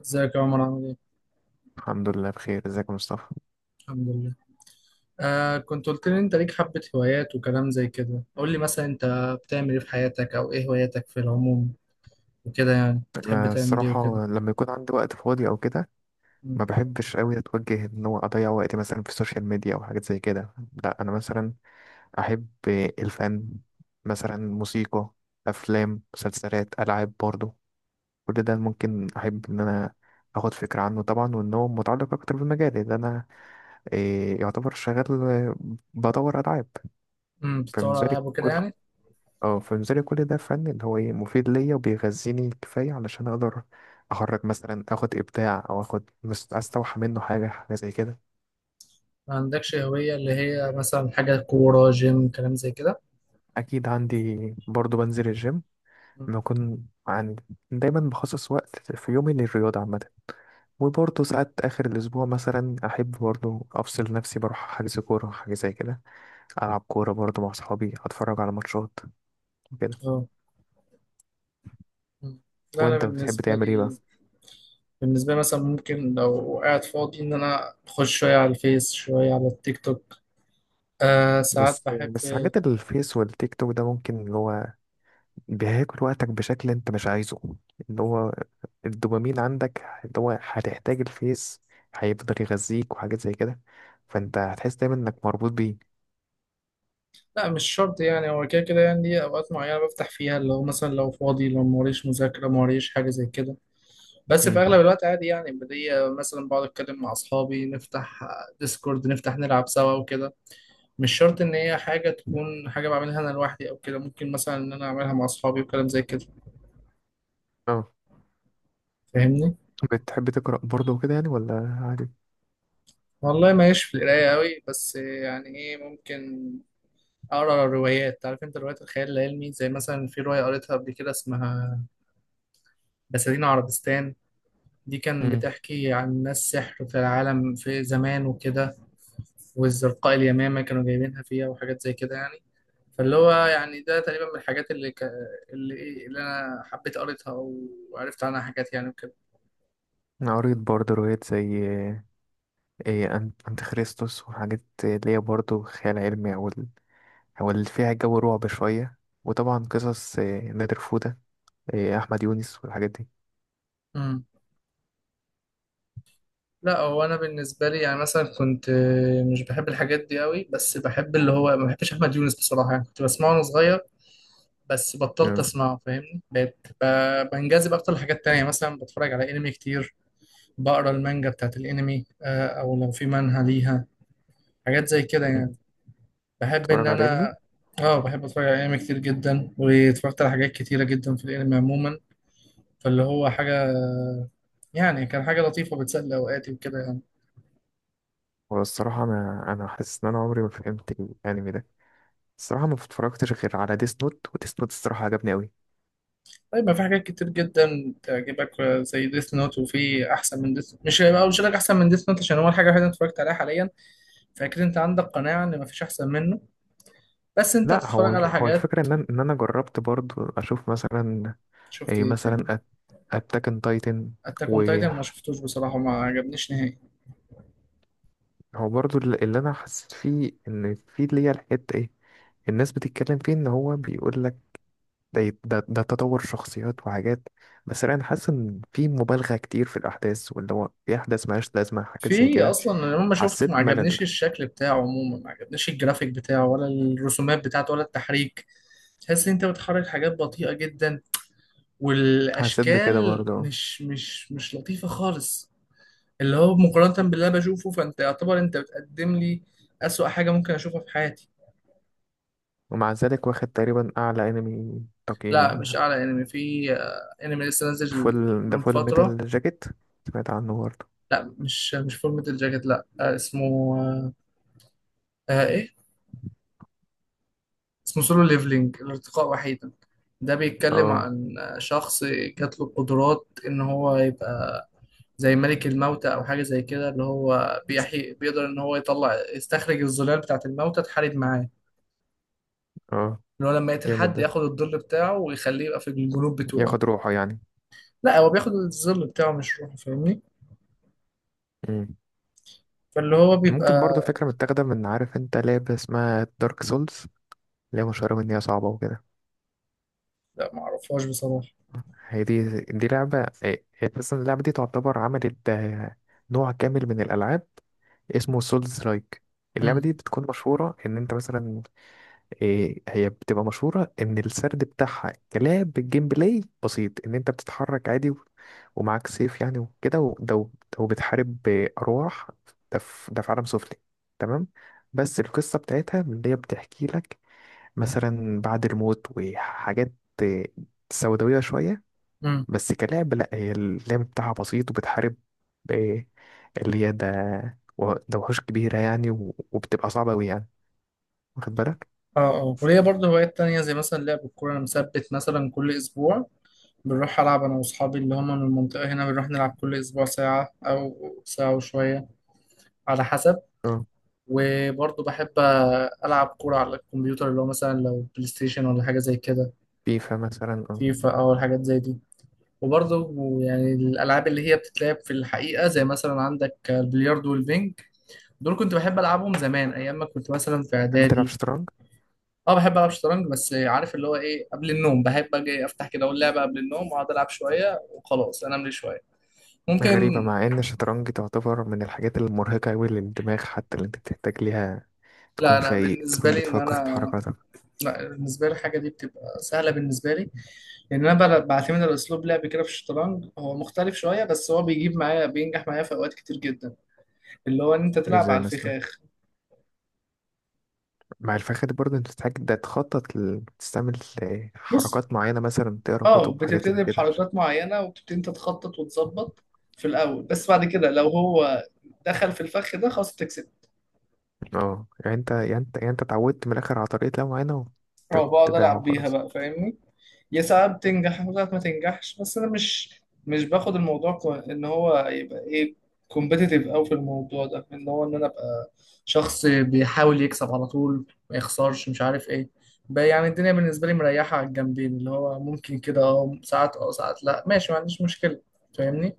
ازيك يا عمر عامل ايه؟ الحمد لله بخير، ازيك يا مصطفى؟ الحمد لله. آه، كنت قلت لي انت ليك حبة هوايات وكلام زي كده. قول لي مثلا انت بتعمل ايه في حياتك او ايه هواياتك في العموم وكده، يعني بتحب انا تعمل ايه وكده. الصراحه لما يكون عندي وقت فاضي او كده مم. ما بحبش قوي اتوجه ان هو اضيع وقتي مثلا في السوشيال ميديا او حاجات زي كده. لا انا مثلا احب الفن، مثلا موسيقى، افلام، مسلسلات، العاب برضو. كل ده ممكن احب ان انا اخد فكره عنه طبعا، وان هو متعلق اكتر بالمجال اللي انا إيه يعتبر شغال، بدور العاب. امم، بتطور على فبالنسبه لي العاب وكده كل يعني. اه فبالنسبة لي كل ده فن اللي هو ايه مفيد ليا وبيغذيني كفاية علشان اقدر اخرج مثلا، اخد ابداع او اخد استوحى منه حاجة حاجة زي كده. ما عندكش هوية اللي هي مثلا حاجة كورة جيم كلام زي كده؟ اكيد عندي، برضو بنزل الجيم مم. لما اكون عندي. دايما بخصص وقت في يومي للرياضة عامة، وبرضه ساعات آخر الأسبوع مثلا أحب برضه أفصل نفسي بروح حجز كورة حاجة زي كده، ألعب كورة برضه مع صحابي، أتفرج على ماتشات وكده. اه. مم. لا انا وأنت بتحب بالنسبة تعمل إيه بقى؟ لي بالنسبة لي مثلا ممكن لو قاعد فاضي ان انا اخش شوية على الفيس شوية على التيك توك. آه، ساعات بس بحب. بس حاجات الفيس والتيك توك ده ممكن اللي هو بياكل وقتك بشكل انت مش عايزه، اللي هو الدوبامين عندك، اللي هو هتحتاج الفيس هيفضل يغذيك وحاجات زي كده، فانت هتحس دايما انك مربوط بيه. لا، مش شرط، يعني هو كده كده، يعني دي اوقات معينه بفتح فيها، اللي هو مثلا لو فاضي لو موريش مذاكره موريش حاجه زي كده. بس في امم اغلب الوقت عادي يعني، بدي مثلا بقعد اتكلم مع اصحابي، نفتح ديسكورد، نفتح نلعب سوا وكده. مش شرط ان هي حاجه تكون حاجه بعملها انا لوحدي او كده، ممكن مثلا ان انا اعملها مع اصحابي وكلام زي كده، اه، فاهمني. بتحب تقرأ برضه وكده يعني ولا عادي؟ والله ماليش في القرايه قوي، بس يعني ايه، ممكن اقرا روايات، عارف انت، روايات الخيال العلمي، زي مثلا في روايه قريتها قبل كده اسمها بساتين عربستان. دي كان امم بتحكي عن ناس سحر في العالم في زمان وكده، والزرقاء اليمامة كانوا جايبينها فيها وحاجات زي كده يعني. فاللي هو يعني ده تقريبا من الحاجات اللي اللي إيه، اللي أنا حبيت قريتها وعرفت عنها حاجات يعني وكده. أنا قريت برضه روايات زي ايه، أنت خريستوس وحاجات اللي هي برضه خيال علمي أو اللي فيها جو رعب شوية. وطبعا قصص نادر فودة، أحمد يونس والحاجات دي. امم. لا هو أنا بالنسبة لي يعني مثلا كنت مش بحب الحاجات دي قوي، بس بحب اللي هو، ما بحبش أحمد يونس بصراحة، يعني كنت بسمعه وأنا صغير بس بطلت امم أسمعه، فاهمني، بقيت بنجذب أكتر لحاجات تانية، مثلا بتفرج على أنمي كتير، بقرا المانجا بتاعت الانمي او لو في منهى ليها حاجات زي كده يعني. بحب ان تتفرج على علمي. انا، اه، بحب اتفرج على انمي كتير جدا، واتفرجت على حاجات كتيره جدا في الانمي عموما. فاللي هو حاجه، يعني كان حاجه لطيفه بتسلي اوقاتي وكده يعني. والصراحة أنا حاسس إن أنا عمري ما فهمت الأنمي ده، الصراحة ما اتفرجتش غير على ديس نوت، وديس نوت الصراحة عجبني أوي. طيب، ما في حاجات كتير جدا تعجبك زي ديث نوت، وفي احسن من ديث، مش هيبقى مش لك احسن من ديث نوت عشان هو الحاجه الوحيده اللي أنا اتفرجت عليها حاليا، فاكيد انت عندك قناعه ان ما فيش احسن منه. بس انت لا هو تتفرج على هو حاجات، الفكرة إن أنا جربت برضو أشوف مثلا شفت إيه ايه تاني؟ مثلا أتاك أن تايتن. اتاك اون وهو تايتن ما شفتوش بصراحه، ما عجبنيش نهائي. برضو اللي أنا حسيت فيه إن في اللي هي الحتة إيه، الناس بتتكلم فيه إن هو بيقول لك ده تطور شخصيات وحاجات، بس أنا حاسس إن في مبالغة كتير في الأحداث، واللي هو في أحداث ملهاش لازمة حاجات زي في كده. اصلا انا لما شفته ما حسيت ملل، عجبنيش الشكل بتاعه عموما، ما عجبنيش الجرافيك بتاعه، ولا الرسومات بتاعته، ولا التحريك. تحس ان انت بتحرك حاجات بطيئة جدا، حسيت بكده والاشكال برضه. مش لطيفة خالص. اللي هو مقارنة باللي انا بشوفه، فانت يعتبر انت بتقدم لي اسوأ حاجة ممكن اشوفها في حياتي. ومع ذلك واخد تقريبا أعلى أنمي تقييم لا، مش يعني. اعلى انمي في انمي لسه نازل من فول فترة. ميتال جاكيت؟ سمعت عنه برضه. لا، مش مش فورمة الجاكيت، لا اسمه، آه، ايه، اسمه سولو ليفلينج، الارتقاء وحيدا. ده بيتكلم اه، عن شخص جات له القدرات ان هو يبقى زي ملك الموتى او حاجه زي كده، اللي هو بيحي، بيقدر ان هو يطلع يستخرج الظلال بتاعه الموتى تحارب معاه. اه، اللي هو لما يقتل جامد حد ده، ياخد الظل بتاعه ويخليه يبقى في الجنوب بتوعه. ياخد روحه يعني؟ لا، هو بياخد الظل بتاعه مش روحه، فاهمني. مم. فاللي هو ممكن بيبقى، برضه فكرة متاخدة من عارف انت لعبة اسمها دارك سولز، اللي هي مشهورة بإن هي صعبة وكده. لا معرفهاش بصراحه. هي دي لعبة، هي أساسا اللعبة دي تعتبر عملت نوع كامل من الألعاب اسمه سولز لايك. اللعبة امم. دي بتكون مشهورة إن أنت مثلا إيه، هي بتبقى مشهورة إن السرد بتاعها كلعب الجيم بلاي بسيط، إن أنت بتتحرك عادي ومعاك سيف يعني وكده، وده وبتحارب بأرواح، ده في عالم سفلي، تمام. بس القصة بتاعتها من اللي هي بتحكي لك مثلا بعد الموت وحاجات، إيه، سوداوية شوية. امم. بس كلعب لأ، هي اللعب بتاعها بسيط وبتحارب إيه، اللي هي ده ده وحوش كبيرة يعني وبتبقى صعبة أوي يعني، واخد بالك؟ اه اه. وليا برضه هوايات تانية زي مثلا لعب الكورة. أنا مثبت مثلا كل أسبوع بنروح ألعب أنا وأصحابي اللي هم من المنطقة هنا، بنروح نلعب كل أسبوع ساعة أو ساعة وشوية على حسب. وبرضه بحب ألعب كورة على الكمبيوتر اللي هو مثلا لو بلاي ستيشن ولا حاجة زي كده، فيفا مثلا اه. فيفا أو حاجات زي دي. وبرضه يعني الألعاب اللي هي بتتلعب في الحقيقة زي مثلا عندك البلياردو والبينج، دول كنت بحب ألعبهم زمان أيام ما كنت مثلا في بتحب تلعب إعدادي. شطرنج؟ اه، بحب العب شطرنج، بس عارف اللي هو ايه، قبل النوم بحب اجي افتح كده اقول لعبه قبل النوم واقعد العب شويه وخلاص انام لي شويه. ممكن. غريبة مع إن الشطرنج تعتبر من الحاجات المرهقة أوي للدماغ، حتى اللي أنت بتحتاج ليها لا تكون انا فايق، بالنسبه تكون لي ان بتفكر في انا، حركاتك. لا بالنسبه لي الحاجه دي بتبقى سهله بالنسبه لي، لان انا بعتمد على اسلوب لعب كده في الشطرنج هو مختلف شويه، بس هو بيجيب معايا، بينجح معايا في اوقات كتير جدا، اللي هو ان انت تلعب على ازاي مثلا؟ الفخاخ. مع الفخد برضه انت بتحتاج ده تخطط تستعمل بص، حركات معينة، مثلا تقرا اه، كتب وحاجات زي بتبتدي كده عشان- بحركات معينه وبتبتدي انت تخطط وتظبط في الاول، بس بعد كده لو هو دخل في الفخ ده، خلاص تكسب. اه، يعني انت اتعودت من الآخر على طريقة لعب معينة اه، بقعد وتتبعها العب بيها وخلاص. بقى فاهمني. يا ساعات بتنجح وساعات ما تنجحش، بس انا مش باخد الموضوع ان هو يبقى ايه، كومبيتيتيف قوي في الموضوع ده، ان هو ان انا ابقى شخص بيحاول يكسب على طول، ما يخسرش، مش عارف ايه بقى. يعني الدنيا بالنسبه لي مريحه على الجنبين، اللي هو ممكن كده، اه ساعات اه ساعات لا ماشي، ما عنديش مشكله، فاهمني.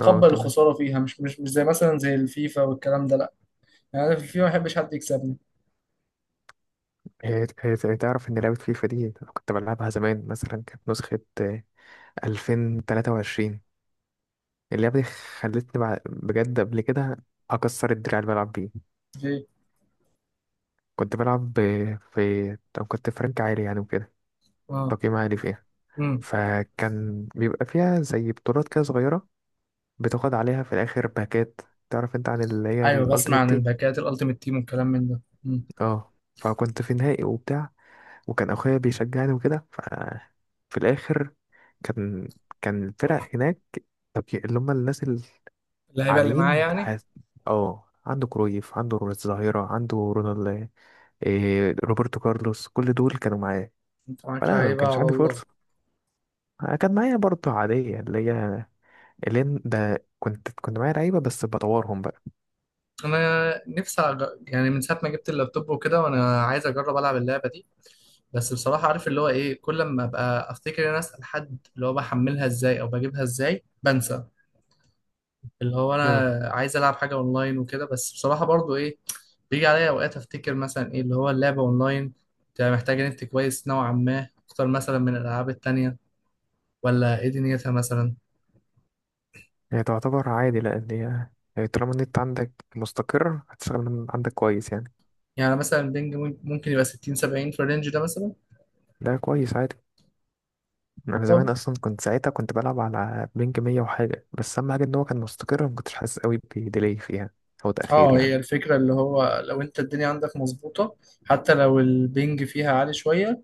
اه، تمام. الخساره فيها، مش زي مثلا زي الفيفا والكلام ده لا. يعني انا في الفيفا ما بحبش حد يكسبني. هي تعرف إن لعبة فيفا دي كنت بلعبها زمان، مثلا كانت نسخة 2023. اللعبة دي خلتني بجد قبل كده أكسر الدراع اللي بلعب بيه. في. كنت بلعب في طب كنت فرانك عالي يعني وكده، اه. تقييم عالي فيها. امم. فكان بيبقى فيها زي بطولات كده صغيرة، بتاخد عليها في الآخر باكات. تعرف انت عن اللي هي ايوه بسمع الألتيمت عن تيم. الباكات الالتيميت تيم والكلام من ده. امم. اه، فكنت في نهائي وبتاع، وكان أخويا بيشجعني وكده. ففي الآخر كان الفرق هناك، طب اللي هم الناس اللعيبه اللي معايا علين يعني. حاس... اه، عنده كرويف، عنده الظاهرة، عنده رونالد، إيه، روبرتو كارلوس، كل دول كانوا معايا. انت معاك فلا انا ما لعيبه على كانش عندي الله. فرصة، كان معايا برضه عادية اللي هي ده كنت معايا لعيبة بس بطورهم بقى. انا نفسي يعني من ساعه ما جبت اللابتوب وكده وانا عايز اجرب العب اللعبه دي، بس بصراحه عارف اللي هو ايه، كل ما ابقى افتكر ان انا اسال حد اللي هو بحملها ازاي او بجيبها ازاي بنسى. اللي هو اه، انا عايز العب حاجه اونلاين وكده، بس بصراحه برضو ايه، بيجي عليا اوقات افتكر مثلا ايه اللي هو اللعبه اونلاين بتبقى محتاجه نت كويس نوعا ما اكتر مثلا من الالعاب التانيه، ولا ايه دنيتها مثلا؟ هي تعتبر عادي، لأن هي طالما النت عندك مستقر هتشتغل من عندك كويس يعني. يعني مثلا بينج ممكن يبقى 60 70 في الرينج ده مثلا. لا كويس، عادي. أنا زمان طب أصلا كنت ساعتها كنت بلعب على بينج 100 وحاجة، بس أهم حاجة إن هو كان مستقر، ما كنتش حاسس قوي بديلي فيها أو تأخير اه، يعني. هي الفكرة اللي هو لو انت الدنيا عندك مظبوطة حتى لو البنج فيها عالي شوية،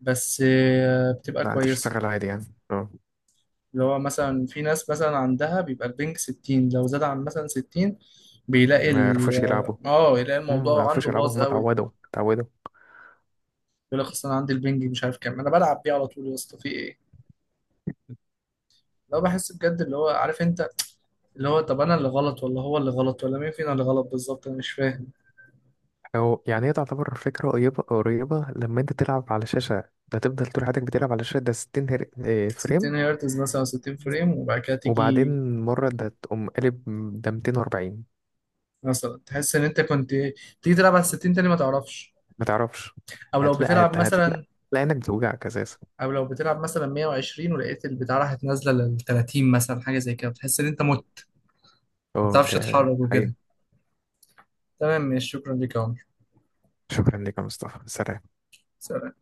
بس بتبقى لا كويسة. هتشتغل عادي يعني، اه، اللي هو مثلا في ناس مثلا عندها بيبقى البنج ستين، لو زاد عن مثلا ستين بيلاقي ما ال، يعرفوش يلعبوا. اه، يلاقي ما الموضوع يعرفوش عنده يلعبوا، باظ هم قوي. اتعودوا اتعودوا. يقول لك اصل انا عندي البنج مش عارف كام انا بلعب بيه على طول، يا اسطى في ايه؟ لو بحس بجد اللي هو عارف انت، اللي هو طب انا اللي غلط ولا هو اللي غلط ولا مين فينا اللي غلط بالظبط؟ انا مش فاهم. هو يعني هي تعتبر فكرة قريبة قريبة لما انت تلعب على شاشة، ده تفضل طول حياتك بتلعب على شاشة ده 60 60 فريم، هرتز مثلا، 60 فريم، وبعد كده تيجي وبعدين مرة ده تقوم قلب، ده 240 مثلا تحس ان انت كنت، تيجي تلعب على 60 تاني ما تعرفش. ما تعرفش، او لو بتلعب هتلاقي مثلا، هتلاقي انك بتوجعك اساسا. او لو بتلعب مثلا 120 ولقيت البتاع راحت نازله لل 30 مثلا حاجه زي كده، بتحس ان انت مت، ما اه، بتعرفش ده تتحرك حقيقي. وكده. تمام ماشي، شكرا ليك يا عمر، شكرا لك يا مصطفى، سلام. سلام.